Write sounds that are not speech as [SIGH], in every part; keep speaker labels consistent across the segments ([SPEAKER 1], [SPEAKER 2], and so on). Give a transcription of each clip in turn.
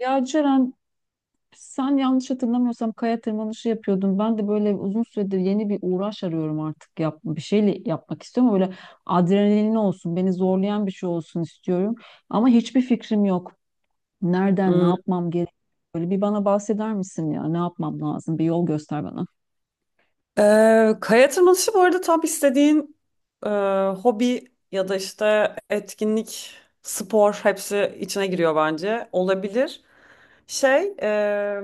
[SPEAKER 1] Ya Ceren sen yanlış hatırlamıyorsam kaya tırmanışı yapıyordun. Ben de böyle uzun süredir yeni bir uğraş arıyorum artık. Yap, bir şeyle yapmak istiyorum. Böyle adrenalinli olsun, beni zorlayan bir şey olsun istiyorum. Ama hiçbir fikrim yok. Nereden, ne
[SPEAKER 2] Hmm.
[SPEAKER 1] yapmam gerek? Böyle bir bana bahseder misin ya? Ne yapmam lazım? Bir yol göster bana.
[SPEAKER 2] Kaya tırmanışı bu arada tam istediğin e, hobi ya da işte etkinlik, spor hepsi içine giriyor bence. Olabilir. Şey, e,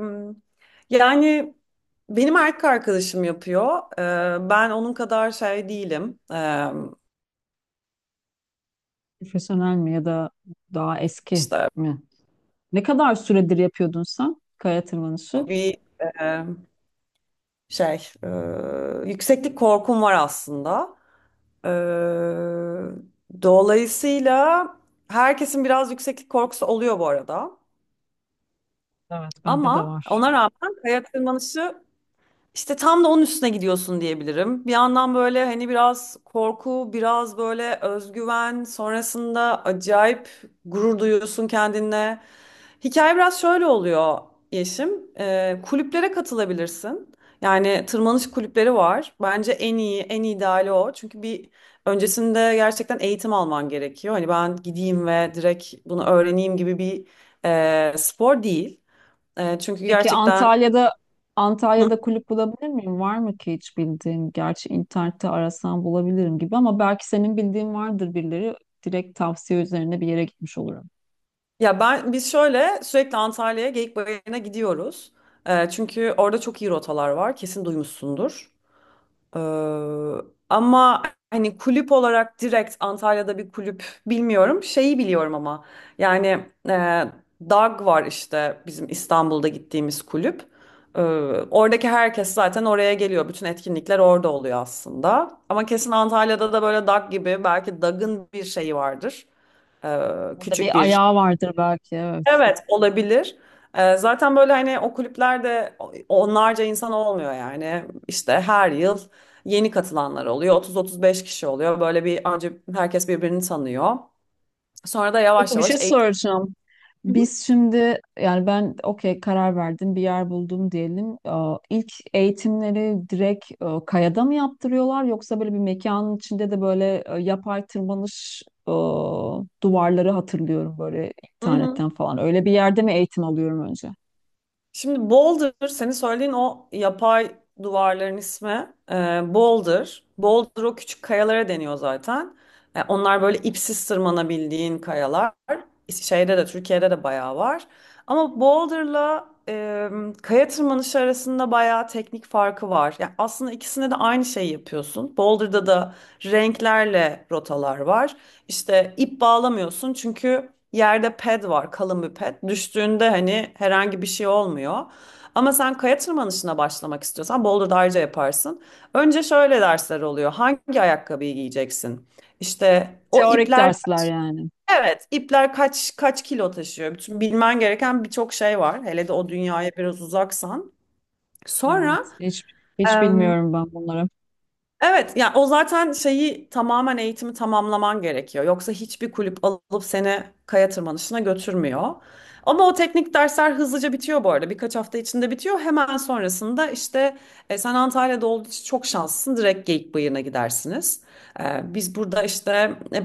[SPEAKER 2] yani benim erkek arkadaşım yapıyor. Ben onun kadar şey değilim. E,
[SPEAKER 1] Profesyonel mi ya da daha eski
[SPEAKER 2] işte
[SPEAKER 1] mi? Ne kadar süredir yapıyordun sen kaya tırmanışı?
[SPEAKER 2] bir e, şey, e, Yükseklik korkum var aslında. Ee, Dolayısıyla herkesin biraz yükseklik korkusu oluyor bu arada.
[SPEAKER 1] Evet, bende de
[SPEAKER 2] Ama
[SPEAKER 1] var.
[SPEAKER 2] ona rağmen kaya tırmanışı işte tam da onun üstüne gidiyorsun diyebilirim. Bir yandan böyle hani biraz korku, biraz böyle özgüven, sonrasında acayip gurur duyuyorsun kendinle. Hikaye biraz şöyle oluyor Yeşim. Kulüplere katılabilirsin. Yani tırmanış kulüpleri var. Bence en iyi, en ideali o. Çünkü bir öncesinde gerçekten eğitim alman gerekiyor. Hani ben gideyim ve direkt bunu öğreneyim gibi bir spor değil. Çünkü
[SPEAKER 1] Peki
[SPEAKER 2] gerçekten...
[SPEAKER 1] Antalya'da kulüp bulabilir miyim? Var mı ki hiç bildiğin? Gerçi internette arasam bulabilirim gibi ama belki senin bildiğin vardır birileri. Direkt tavsiye üzerine bir yere gitmiş olurum.
[SPEAKER 2] Ya biz şöyle sürekli Antalya'ya Geyik Bayırı'na gidiyoruz. Çünkü orada çok iyi rotalar var. Kesin duymuşsundur. Ee, ama hani kulüp olarak direkt Antalya'da bir kulüp bilmiyorum. Şeyi biliyorum ama yani e, DAG var işte bizim İstanbul'da gittiğimiz kulüp. Ee, Oradaki herkes zaten oraya geliyor. Bütün etkinlikler orada oluyor aslında. Ama kesin Antalya'da da böyle DAG gibi belki DAG'ın bir şeyi vardır. Ee,
[SPEAKER 1] Burada
[SPEAKER 2] küçük
[SPEAKER 1] bir
[SPEAKER 2] bir
[SPEAKER 1] ayağı vardır belki, evet.
[SPEAKER 2] Evet olabilir. Zaten böyle hani o kulüplerde onlarca insan olmuyor yani. İşte her yıl yeni katılanlar oluyor. 30-35 kişi oluyor. Böyle bir önce herkes birbirini tanıyor. Sonra da
[SPEAKER 1] Peki
[SPEAKER 2] yavaş
[SPEAKER 1] bir şey
[SPEAKER 2] yavaş eğitim.
[SPEAKER 1] soracağım. Biz şimdi yani ben okey karar verdim, bir yer buldum diyelim. Aa, İlk eğitimleri direkt kayada mı yaptırıyorlar, yoksa böyle bir mekanın içinde de böyle yapay tırmanış duvarları hatırlıyorum böyle
[SPEAKER 2] Hı hı.
[SPEAKER 1] internetten falan. Öyle bir yerde mi eğitim alıyorum önce?
[SPEAKER 2] Şimdi Boulder, senin söylediğin o yapay duvarların ismi Boulder. Boulder o küçük kayalara deniyor zaten. Onlar böyle ipsiz tırmanabildiğin kayalar. Şeyde de Türkiye'de de bayağı var. Ama Boulder'la kaya tırmanışı arasında bayağı teknik farkı var. Yani aslında ikisinde de aynı şeyi yapıyorsun. Boulder'da da renklerle rotalar var. İşte ip bağlamıyorsun çünkü yerde ped var, kalın bir ped. Düştüğünde hani herhangi bir şey olmuyor. Ama sen kaya tırmanışına başlamak istiyorsan Boulder Dağarcığı yaparsın. Önce şöyle dersler oluyor. Hangi ayakkabıyı giyeceksin? İşte o
[SPEAKER 1] Teorik
[SPEAKER 2] ipler
[SPEAKER 1] dersler yani.
[SPEAKER 2] evet ipler kaç kilo taşıyor? Bütün bilmen gereken birçok şey var. Hele de
[SPEAKER 1] Evet.
[SPEAKER 2] o dünyaya biraz uzaksan. Sonra
[SPEAKER 1] Evet, hiç bilmiyorum ben bunları.
[SPEAKER 2] Evet, ya o zaten şeyi tamamen eğitimi tamamlaman gerekiyor. Yoksa hiçbir kulüp alıp seni kaya tırmanışına götürmüyor. Ama o teknik dersler hızlıca bitiyor bu arada. Birkaç hafta içinde bitiyor. Hemen sonrasında işte sen Antalya'da olduğu için çok şanslısın. Direkt Geyikbayırı'na gidersiniz. Biz burada işte e,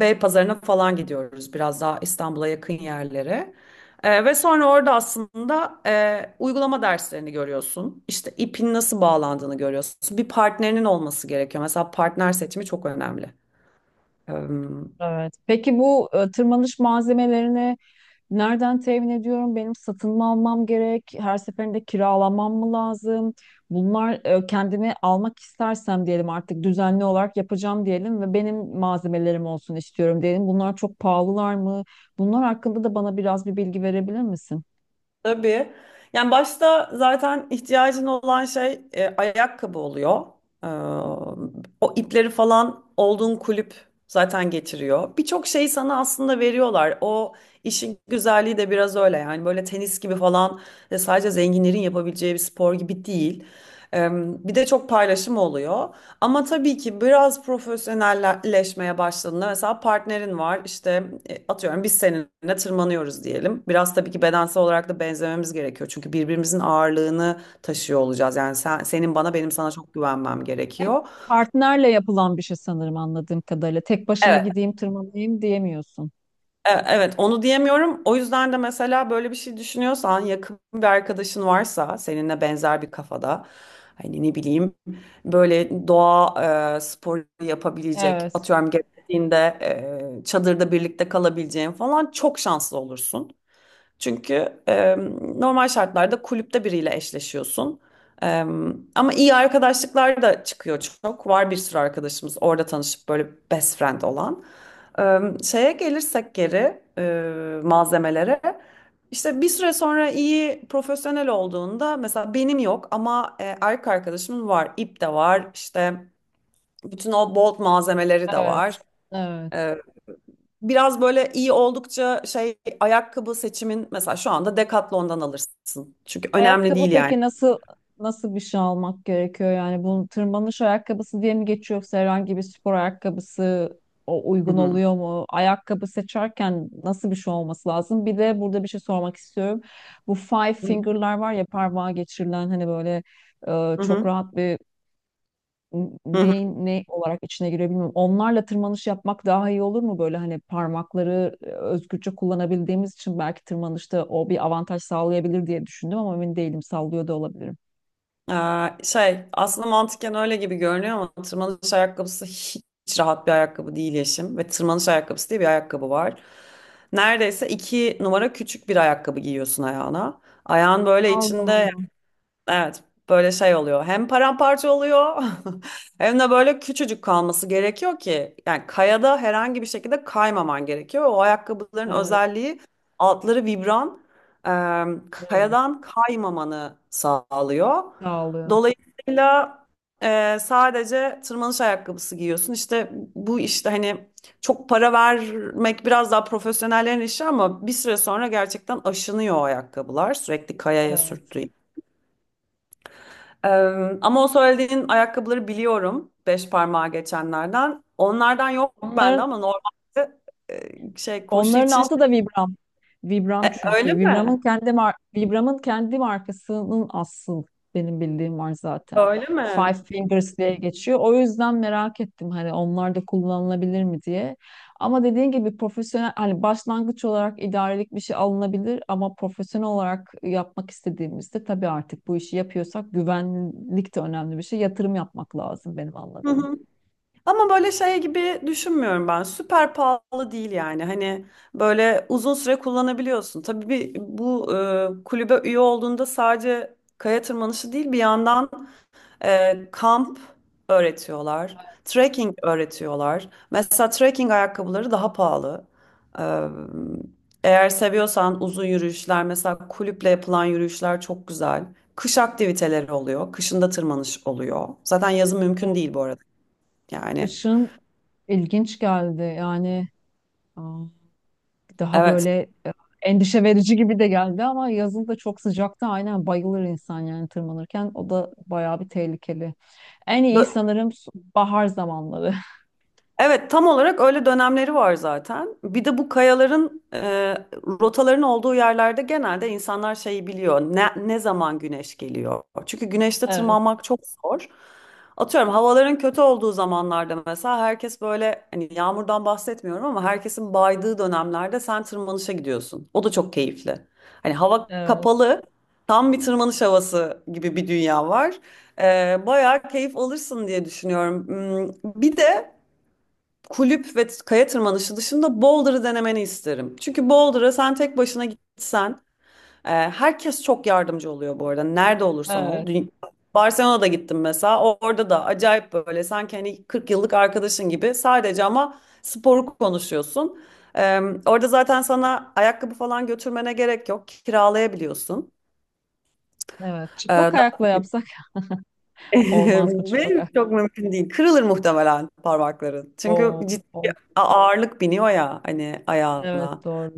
[SPEAKER 2] Beypazarı'na falan gidiyoruz. Biraz daha İstanbul'a yakın yerlere. Ve sonra orada aslında uygulama derslerini görüyorsun. İşte ipin nasıl bağlandığını görüyorsun. Bir partnerinin olması gerekiyor. Mesela partner seçimi çok önemli.
[SPEAKER 1] Evet. Peki bu tırmanış malzemelerini nereden temin ediyorum? Benim satın mı almam gerek? Her seferinde kiralamam mı lazım? Bunlar kendimi almak istersem diyelim, artık düzenli olarak yapacağım diyelim ve benim malzemelerim olsun istiyorum diyelim. Bunlar çok pahalılar mı? Bunlar hakkında da bana biraz bir bilgi verebilir misin?
[SPEAKER 2] Tabii. Yani başta zaten ihtiyacın olan şey ayakkabı oluyor. Ee, O ipleri falan olduğun kulüp zaten getiriyor. Birçok şeyi sana aslında veriyorlar. O işin güzelliği de biraz öyle. Yani böyle tenis gibi falan sadece zenginlerin yapabileceği bir spor gibi değil. Ee, Bir de çok paylaşım oluyor. Ama tabii ki biraz profesyonelleşmeye başladığında mesela partnerin var işte atıyorum biz seninle tırmanıyoruz diyelim. Biraz tabii ki bedensel olarak da benzememiz gerekiyor. Çünkü birbirimizin ağırlığını taşıyor olacağız. Yani sen, senin bana benim sana çok güvenmem
[SPEAKER 1] Hep
[SPEAKER 2] gerekiyor.
[SPEAKER 1] partnerle yapılan bir şey sanırım anladığım kadarıyla. Tek başıma gideyim tırmanayım diyemiyorsun.
[SPEAKER 2] Evet, onu diyemiyorum. O yüzden de mesela böyle bir şey düşünüyorsan, yakın bir arkadaşın varsa seninle benzer bir kafada, hani ne bileyim, böyle doğa sporu yapabilecek,
[SPEAKER 1] Evet,
[SPEAKER 2] atıyorum gerektiğinde çadırda birlikte kalabileceğin falan çok şanslı olursun. Çünkü normal şartlarda kulüpte biriyle eşleşiyorsun. E, Ama iyi arkadaşlıklar da çıkıyor çok. Var bir sürü arkadaşımız orada tanışıp böyle best friend olan. Şeye gelirsek geri malzemelere. İşte bir süre sonra iyi profesyonel olduğunda mesela benim yok ama erkek arkadaşımın var. İp de var işte bütün o bolt malzemeleri de var.
[SPEAKER 1] evet, evet.
[SPEAKER 2] Biraz böyle iyi oldukça şey ayakkabı seçimin mesela şu anda Decathlon'dan alırsın. Çünkü önemli
[SPEAKER 1] Ayakkabı
[SPEAKER 2] değil yani.
[SPEAKER 1] peki nasıl bir şey almak gerekiyor? Yani bu tırmanış ayakkabısı diye mi geçiyor, yoksa herhangi bir spor ayakkabısı o
[SPEAKER 2] Hı
[SPEAKER 1] uygun
[SPEAKER 2] hı.
[SPEAKER 1] oluyor mu? Ayakkabı seçerken nasıl bir şey olması lazım? Bir de burada bir şey sormak istiyorum. Bu five finger'lar var ya, parmağa geçirilen, hani böyle
[SPEAKER 2] Hı
[SPEAKER 1] çok
[SPEAKER 2] hı.
[SPEAKER 1] rahat bir
[SPEAKER 2] Hı hı.
[SPEAKER 1] neyin ne olarak içine giriyor bilmiyorum. Onlarla tırmanış yapmak daha iyi olur mu? Böyle hani parmakları özgürce kullanabildiğimiz için belki tırmanışta o bir avantaj sağlayabilir diye düşündüm, ama emin değilim. Sallıyor da olabilirim.
[SPEAKER 2] Şey aslında mantıken öyle gibi görünüyor ama tırmanış ayakkabısı hiç rahat bir ayakkabı değil Yeşim. Ve tırmanış ayakkabısı diye bir ayakkabı var. Neredeyse iki numara küçük bir ayakkabı giyiyorsun ayağına. Ayağın böyle
[SPEAKER 1] Allah
[SPEAKER 2] içinde
[SPEAKER 1] Allah.
[SPEAKER 2] Evet, böyle şey oluyor. Hem paramparça oluyor [LAUGHS] hem de böyle küçücük kalması gerekiyor ki yani kayada herhangi bir şekilde kaymaman gerekiyor. O ayakkabıların
[SPEAKER 1] Evet,
[SPEAKER 2] özelliği altları
[SPEAKER 1] evet.
[SPEAKER 2] kayadan kaymamanı sağlıyor.
[SPEAKER 1] Sağlıyor.
[SPEAKER 2] Dolayısıyla sadece tırmanış ayakkabısı giyiyorsun. İşte bu işte hani çok para vermek biraz daha profesyonellerin işi ama bir süre sonra gerçekten aşınıyor o ayakkabılar sürekli kayaya
[SPEAKER 1] Evet.
[SPEAKER 2] sürttüğü ee, ama o söylediğin ayakkabıları biliyorum. Beş parmağa geçenlerden. Onlardan yok bende
[SPEAKER 1] Onların
[SPEAKER 2] ama normalde şey koşu
[SPEAKER 1] onların
[SPEAKER 2] için şey,
[SPEAKER 1] altı da Vibram. Vibram
[SPEAKER 2] Öyle
[SPEAKER 1] çünkü.
[SPEAKER 2] mi?
[SPEAKER 1] Vibram'ın kendi markasının asıl benim bildiğim var zaten.
[SPEAKER 2] Öyle
[SPEAKER 1] Five
[SPEAKER 2] mi?
[SPEAKER 1] Fingers diye geçiyor. O yüzden merak ettim, hani onlar da kullanılabilir mi diye. Ama dediğin gibi profesyonel, hani başlangıç olarak idarelik bir şey alınabilir ama profesyonel olarak yapmak istediğimizde, tabii artık bu işi yapıyorsak, güvenlik de önemli bir şey. Yatırım yapmak lazım benim
[SPEAKER 2] Hı
[SPEAKER 1] anladığım.
[SPEAKER 2] hı. Ama böyle şey gibi düşünmüyorum ben. Süper pahalı değil yani. Hani böyle uzun süre kullanabiliyorsun. Tabii bir, bu kulübe üye olduğunda sadece kaya tırmanışı değil bir yandan kamp öğretiyorlar. Trekking öğretiyorlar. Mesela trekking ayakkabıları daha pahalı. Ee, Eğer seviyorsan uzun yürüyüşler, mesela kulüple yapılan yürüyüşler çok güzel. Kış aktiviteleri oluyor. Kışında tırmanış oluyor. Zaten yazın mümkün değil bu arada. Yani
[SPEAKER 1] Kışın ilginç geldi yani. Aa, daha
[SPEAKER 2] evet.
[SPEAKER 1] böyle endişe verici gibi de geldi ama yazın da çok sıcakta aynen bayılır insan yani tırmanırken. O da bayağı bir tehlikeli. En iyi
[SPEAKER 2] Bö-
[SPEAKER 1] sanırım bahar zamanları. [LAUGHS]
[SPEAKER 2] Evet, tam olarak öyle dönemleri var zaten. Bir de bu kayaların rotaların olduğu yerlerde genelde insanlar şeyi biliyor. Ne zaman güneş geliyor? Çünkü güneşte
[SPEAKER 1] Evet,
[SPEAKER 2] tırmanmak çok zor. Atıyorum havaların kötü olduğu zamanlarda mesela herkes böyle hani yağmurdan bahsetmiyorum ama herkesin baydığı dönemlerde sen tırmanışa gidiyorsun. O da çok keyifli. Hani hava
[SPEAKER 1] evet,
[SPEAKER 2] kapalı, tam bir tırmanış havası gibi bir dünya var. E, Bayağı keyif alırsın diye düşünüyorum. Hmm, bir de kulüp ve kaya tırmanışı dışında Boulder'ı denemeni isterim. Çünkü Boulder'a sen tek başına gitsen, herkes çok yardımcı oluyor bu arada. Nerede olursan ol.
[SPEAKER 1] evet,
[SPEAKER 2] Barcelona'da gittim mesela. Orada da acayip böyle sanki hani 40 yıllık arkadaşın gibi sadece ama sporu konuşuyorsun. E, Orada zaten sana ayakkabı falan götürmene gerek yok. Kiralayabiliyorsun.
[SPEAKER 1] evet.
[SPEAKER 2] E,
[SPEAKER 1] Çıplak
[SPEAKER 2] daha-
[SPEAKER 1] ayakla yapsak [LAUGHS] olmaz mı
[SPEAKER 2] [LAUGHS] Ve
[SPEAKER 1] çıplak ayak?
[SPEAKER 2] çok mümkün değil. Kırılır muhtemelen parmakların. Çünkü
[SPEAKER 1] Oo,
[SPEAKER 2] ciddi
[SPEAKER 1] oo.
[SPEAKER 2] ağırlık biniyor ya hani ayağına.
[SPEAKER 1] Evet doğru.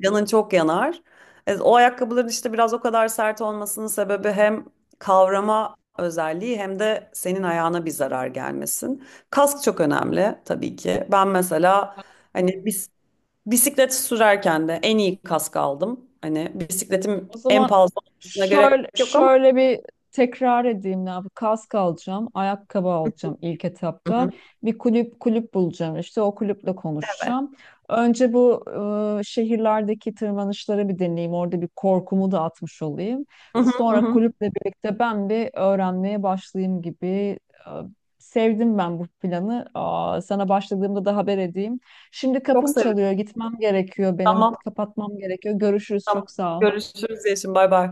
[SPEAKER 2] Canın çok yanar. O ayakkabıların işte biraz o kadar sert olmasının sebebi hem kavrama özelliği hem de senin ayağına bir zarar gelmesin. Kask çok önemli tabii ki. Ben mesela hani bisiklet sürerken de en iyi kask aldım. Hani bisikletim
[SPEAKER 1] O
[SPEAKER 2] en
[SPEAKER 1] zaman
[SPEAKER 2] pahalı olmasına gerek
[SPEAKER 1] şöyle
[SPEAKER 2] yok ama
[SPEAKER 1] şöyle bir tekrar edeyim ne yapayım. Kask alacağım, ayakkabı alacağım ilk
[SPEAKER 2] Hı hı.
[SPEAKER 1] etapta. Bir kulüp bulacağım, işte o kulüple
[SPEAKER 2] Evet.
[SPEAKER 1] konuşacağım. Önce bu şehirlerdeki tırmanışları bir deneyeyim. Orada bir korkumu da atmış olayım.
[SPEAKER 2] Hı hı, hı
[SPEAKER 1] Sonra
[SPEAKER 2] hı.
[SPEAKER 1] kulüple birlikte ben bir öğrenmeye başlayayım gibi. e, Sevdim ben bu planı. Aa, sana başladığımda da haber edeyim. Şimdi
[SPEAKER 2] Çok
[SPEAKER 1] kapım
[SPEAKER 2] sevindim.
[SPEAKER 1] çalıyor, gitmem gerekiyor benim.
[SPEAKER 2] Tamam,
[SPEAKER 1] Kapatmam gerekiyor. Görüşürüz,
[SPEAKER 2] tamam.
[SPEAKER 1] çok sağ ol.
[SPEAKER 2] Görüşürüz Yeşim. Bay bay.